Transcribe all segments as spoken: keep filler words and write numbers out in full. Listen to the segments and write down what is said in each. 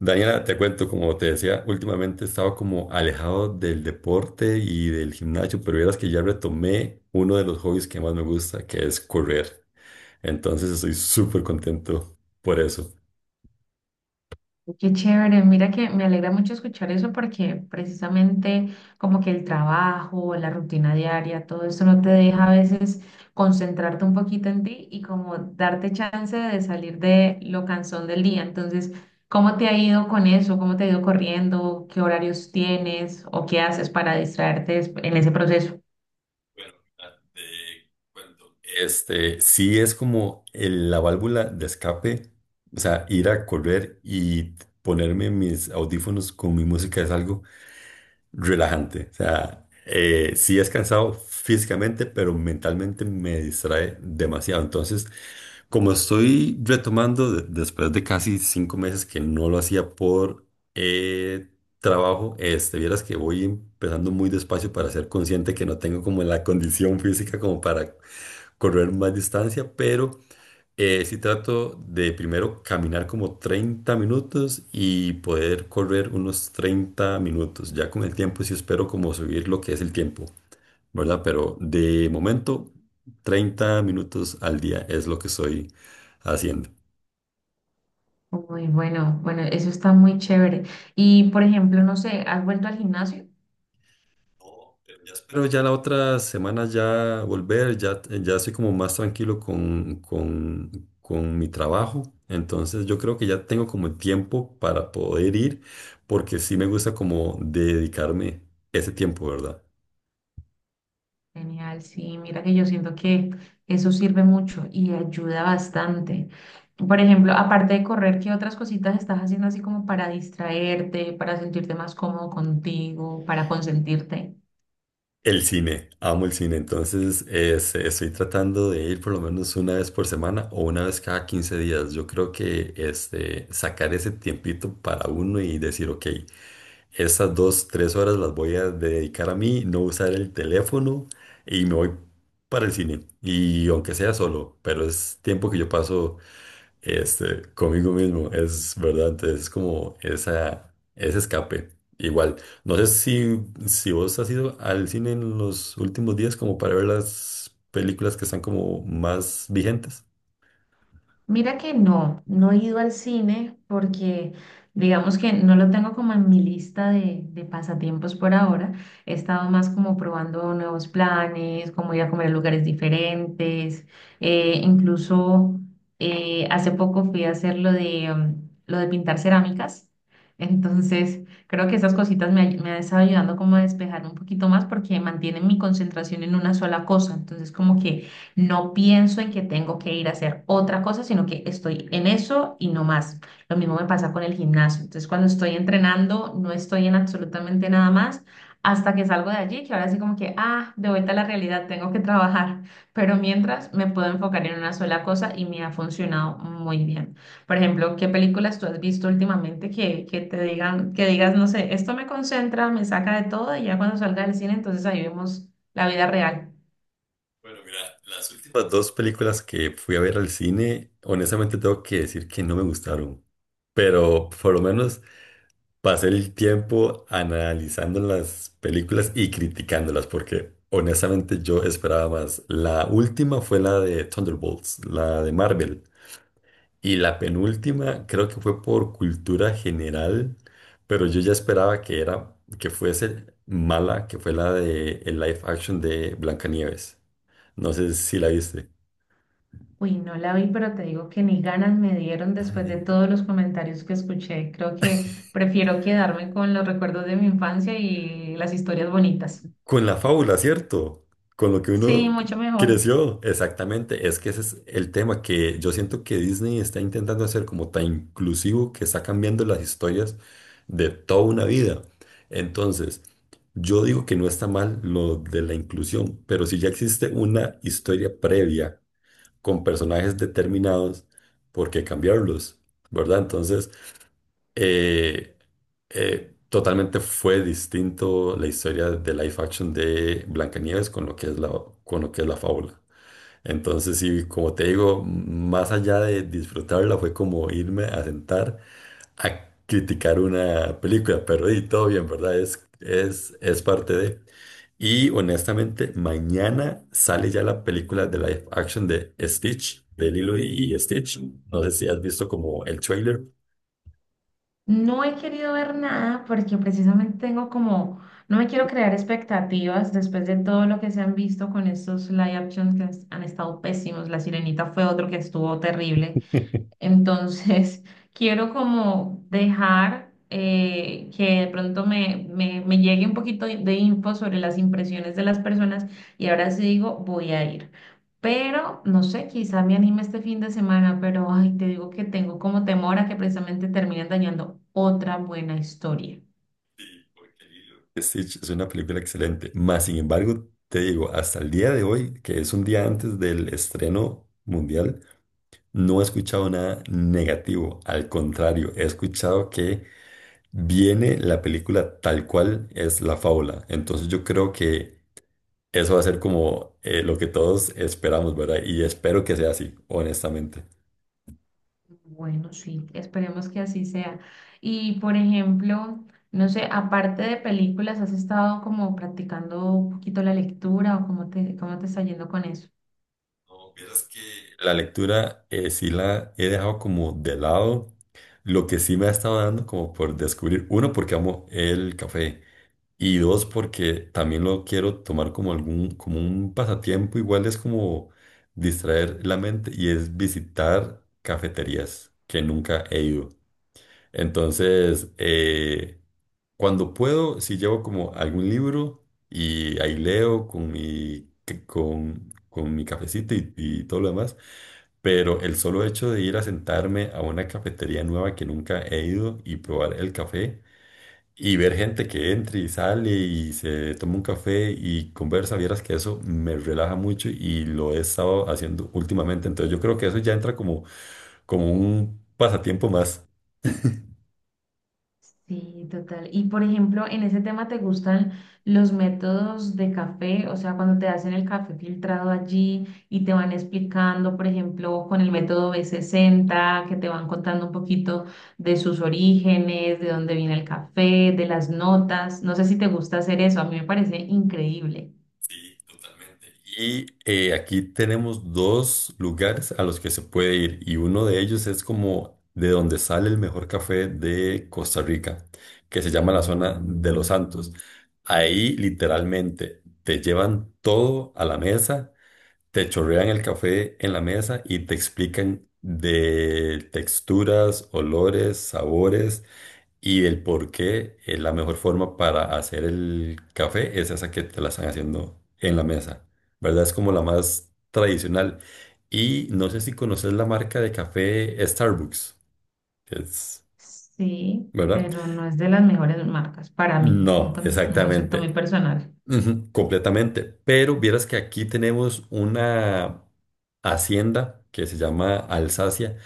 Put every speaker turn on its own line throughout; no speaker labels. Daniela, te cuento, como te decía, últimamente he estado como alejado del deporte y del gimnasio, pero vieras que ya retomé uno de los hobbies que más me gusta, que es correr. Entonces estoy súper contento por eso.
Qué chévere, mira que me alegra mucho escuchar eso porque precisamente como que el trabajo, la rutina diaria, todo eso no te deja a veces concentrarte un poquito en ti y como darte chance de salir de lo cansón del día. Entonces, ¿cómo te ha ido con eso? ¿Cómo te ha ido corriendo? ¿Qué horarios tienes o qué haces para distraerte des- en ese proceso?
Bueno, mira, te cuento. Este, sí es como el- la válvula de escape, o sea, ir a correr y ponerme mis audífonos con mi música es algo relajante. O sea, eh, sí es cansado físicamente, pero mentalmente me distrae demasiado. Entonces, como estoy retomando de- después de casi cinco meses que no lo hacía por eh, trabajo, este, vieras que voy empezando muy despacio para ser consciente que no tengo como la condición física como para correr más distancia, pero eh, sí trato de primero caminar como treinta minutos y poder correr unos treinta minutos. Ya con el tiempo sí espero como subir lo que es el tiempo, ¿verdad? Pero de momento treinta minutos al día es lo que estoy haciendo.
Muy bueno, bueno, eso está muy chévere. Y por ejemplo, no sé, ¿has vuelto al gimnasio?
No, pero ya espero ya la otra semana ya volver, ya, ya estoy como más tranquilo con, con, con mi trabajo. Entonces yo creo que ya tengo como el tiempo para poder ir, porque sí me gusta como dedicarme ese tiempo, ¿verdad?
Genial, sí, mira que yo siento que eso sirve mucho y ayuda bastante. Por ejemplo, aparte de correr, ¿qué otras cositas estás haciendo así como para distraerte, para sentirte más cómodo contigo, para consentirte?
El cine, amo el cine, entonces es- estoy tratando de ir por lo menos una vez por semana o una vez cada quince días. Yo creo que este, sacar ese tiempito para uno y decir, ok. Esas dos, tres horas las voy a dedicar a mí, no usar el teléfono y me voy para el cine. Y aunque sea solo, pero es tiempo que yo paso este, conmigo mismo, es verdad. Entonces es como esa, ese escape. Igual, no sé si, si vos has ido al cine en los últimos días como para ver las películas que están como más vigentes.
Mira que no, no he ido al cine porque digamos que no lo tengo como en mi lista de, de pasatiempos por ahora. He estado más como probando nuevos planes, como ir a comer a lugares diferentes. eh, incluso eh, hace poco fui a hacer lo de, mm, lo de pintar cerámicas. Entonces creo que esas cositas me, ay- me han estado ayudando como a despejar un poquito más porque mantienen mi concentración en una sola cosa. Entonces como que no pienso en que tengo que ir a hacer otra cosa, sino que estoy en eso y no más. Lo mismo me pasa con el gimnasio. Entonces, cuando estoy entrenando, no estoy en absolutamente nada más hasta que salgo de allí, que ahora sí como que, ah, de vuelta a la realidad, tengo que trabajar. Pero mientras me puedo enfocar en una sola cosa y me ha funcionado muy bien. Por ejemplo, ¿qué películas tú has visto últimamente que, que te digan, que digas, no sé, esto me concentra, me saca de todo y ya cuando salga del cine, entonces ahí vemos la vida real?
Bueno, mira, las últimas dos películas que fui a ver al cine, honestamente tengo que decir que no me gustaron, pero por lo menos pasé el tiempo analizando las películas y criticándolas, porque honestamente yo esperaba más. La última fue la de Thunderbolts, la de Marvel, y la penúltima creo que fue por cultura general, pero yo ya esperaba que era, que fuese mala, que fue la de el live action de Blancanieves. No sé si la viste.
Uy, no la vi, pero te digo que ni ganas me dieron después de todos los comentarios que escuché. Creo que prefiero quedarme con los recuerdos de mi infancia y las historias bonitas.
Con la fábula, ¿cierto? Con lo que
Sí,
uno
mucho mejor.
creció. Exactamente. Es que ese es el tema que yo siento que Disney está intentando hacer como tan inclusivo que está cambiando las historias de toda una vida. Entonces, yo digo que no está mal lo de la inclusión, pero si ya existe una historia previa con personajes determinados, ¿por qué cambiarlos? ¿Verdad? Entonces, eh, eh, totalmente fue distinto la historia de live action de Blancanieves con lo que es la, con lo que es la fábula. Entonces, sí, como te digo, más allá de disfrutarla, fue como irme a sentar a criticar una película, pero y todo bien, ¿verdad? Es, es, es parte de... Y honestamente, mañana sale ya la película de live action de Stitch, de Lilo y y Stitch. No sé si has visto como el trailer.
No he querido ver nada porque precisamente tengo como, no me quiero crear expectativas después de todo lo que se han visto con estos live actions que han han estado pésimos. La Sirenita fue otro que estuvo terrible. Entonces, quiero como dejar eh, que de pronto me, me, me llegue un poquito de de info sobre las impresiones de las personas y ahora sí digo, voy a ir. Pero, no sé, quizá me anime este fin de semana, pero ay, te digo que tengo como temor a que precisamente terminen dañando otra buena historia.
Stitch es una película excelente. Más sin embargo, te digo, hasta el día de hoy, que es un día antes del estreno mundial, no he escuchado nada negativo. Al contrario, he escuchado que viene la película tal cual es la fábula. Entonces yo creo que eso va a ser como eh, lo que todos esperamos, ¿verdad? Y espero que sea así, honestamente.
Bueno, sí, esperemos que así sea. Y por ejemplo, no sé, aparte de películas, ¿has estado como practicando un poquito la lectura o cómo te, cómo te está yendo con eso?
No, vieras que la lectura eh, sí la he dejado como de lado. Lo que sí me ha estado dando como por descubrir, uno, porque amo el café y dos, porque también lo quiero tomar como algún, como un pasatiempo, igual es como distraer la mente y es visitar cafeterías que nunca he ido. Entonces, eh, cuando puedo, si llevo como algún libro y ahí leo con mi, que- con, con mi cafecito y, y todo lo demás, pero el solo hecho de ir a sentarme a una cafetería nueva que nunca he ido y probar el café y ver gente que entra y sale y se toma un café y conversa, vieras que eso me relaja mucho y lo he estado haciendo últimamente, entonces yo creo que eso ya entra como, como un pasatiempo más.
Sí, total. Y por ejemplo, en ese tema te gustan los métodos de café, o sea, cuando te hacen el café filtrado allí y te van explicando, por ejemplo, con el método b sesenta que te van contando un poquito de sus orígenes, de dónde viene el café, de las notas. No sé si te gusta hacer eso, a mí me parece increíble.
Sí, totalmente. Y eh, aquí tenemos dos lugares a los que se puede ir y uno de ellos es como de donde sale el mejor café de Costa Rica, que se llama la zona de Los Santos. Ahí literalmente te llevan todo a la mesa, te chorrean el café en la mesa y te explican de texturas, olores, sabores y del por qué eh, la mejor forma para hacer el café es esa que te la están haciendo en la mesa, ¿verdad? Es como la más tradicional. Y no sé si conoces la marca de café Starbucks, es,
Sí,
¿verdad?
pero no es de las mejores marcas para mí,
No,
un, con- un concepto
exactamente.
muy personal.
Ujú, completamente. Pero vieras que aquí tenemos una hacienda que se llama Alsacia,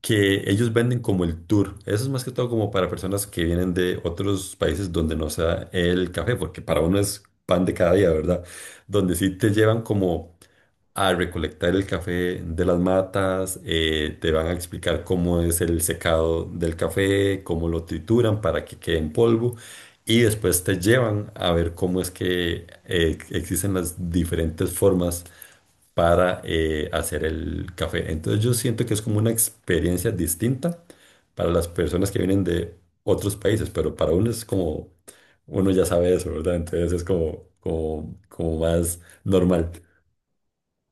que ellos venden como el tour. Eso es más que todo como para personas que vienen de otros países donde no sea el café, porque para uno es pan de cada día, ¿verdad? Donde sí te llevan como a recolectar el café de las matas, eh, te van a explicar cómo es el secado del café, cómo lo trituran para que quede en polvo. Y después te llevan a ver cómo es que eh, existen las diferentes formas para eh, hacer el café. Entonces yo siento que es como una experiencia distinta para las personas que vienen de otros países, pero para uno es como, uno ya sabe eso, ¿verdad? Entonces es como, como, como más normal.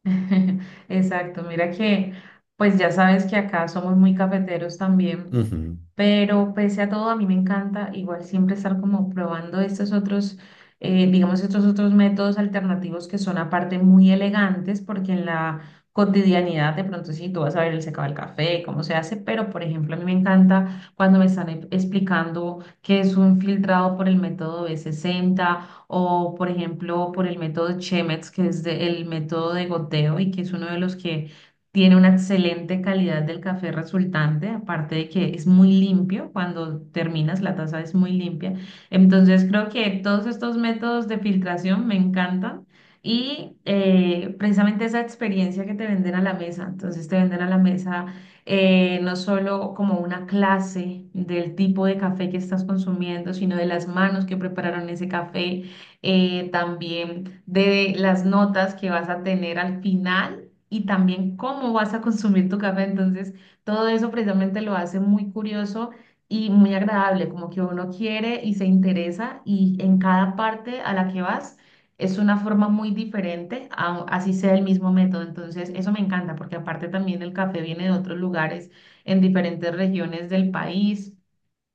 Exacto, mira que pues ya sabes que acá somos muy cafeteros también,
Ujú.
pero pese a todo a mí me encanta igual siempre estar como probando estos otros, eh, digamos estos otros métodos alternativos que son aparte muy elegantes porque en la cotidianidad de pronto sí tú vas a ver el secado del café, cómo se hace, pero por ejemplo a mí me encanta cuando me están e- explicando qué es un filtrado por el método b sesenta o por ejemplo por el método Chemex, que es de- el método de goteo y que es uno de los que tiene una excelente calidad del café resultante, aparte de que es muy limpio, cuando terminas la taza es muy limpia. Entonces creo que todos estos métodos de filtración me encantan. Y eh, precisamente esa experiencia que te venden a la mesa, entonces te venden a la mesa eh, no solo como una clase del tipo de café que estás consumiendo, sino de las manos que prepararon ese café, eh, también de las notas que vas a tener al final y también cómo vas a consumir tu café. Entonces, todo eso precisamente lo hace muy curioso y muy agradable, como que uno quiere y se interesa y en cada parte a la que vas es una forma muy diferente, a- así sea el mismo método. Entonces, eso me encanta porque aparte también el café viene de otros lugares, en diferentes regiones del país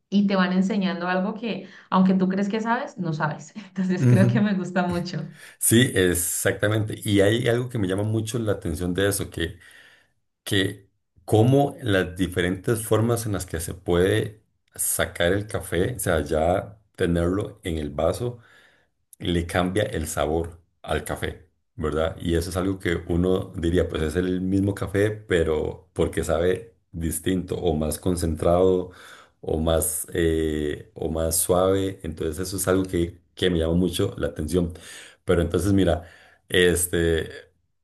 y te van enseñando algo que, aunque tú crees que sabes, no sabes. Entonces creo que
Ujú.
me gusta mucho.
Sí, exactamente. Y hay algo que me llama mucho la atención de eso, que, que cómo las diferentes formas en las que se puede sacar el café, o sea, ya tenerlo en el vaso le cambia el sabor al café, ¿verdad? Y eso es algo que uno diría, pues es el mismo café, pero porque sabe distinto o más concentrado o más, eh, o más suave. Entonces eso es algo que, que me llama mucho la atención. Pero entonces mira, este,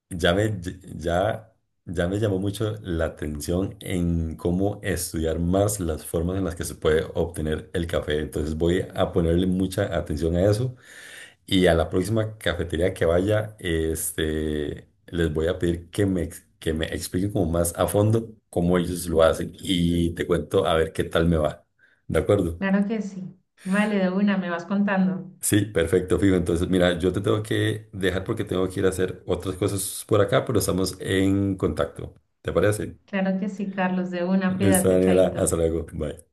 ya me, ya... Ya me llamó mucho la atención en cómo estudiar más las formas en las que se puede obtener el café. Entonces voy a ponerle mucha atención a eso y a la próxima cafetería que vaya, este, les voy a pedir que me, ex- que me expliquen como más a fondo cómo ellos lo hacen y te cuento a ver qué tal me va. ¿De acuerdo?
Claro que sí. Vale, de una, me vas contando.
Sí, perfecto, fijo. Entonces, mira, yo te tengo que dejar porque tengo que ir a hacer otras cosas por acá, pero estamos en contacto. ¿Te parece?
Claro que sí, Carlos, de una,
Listo,
cuídate,
Daniela. Hasta
chaito.
luego. Bye.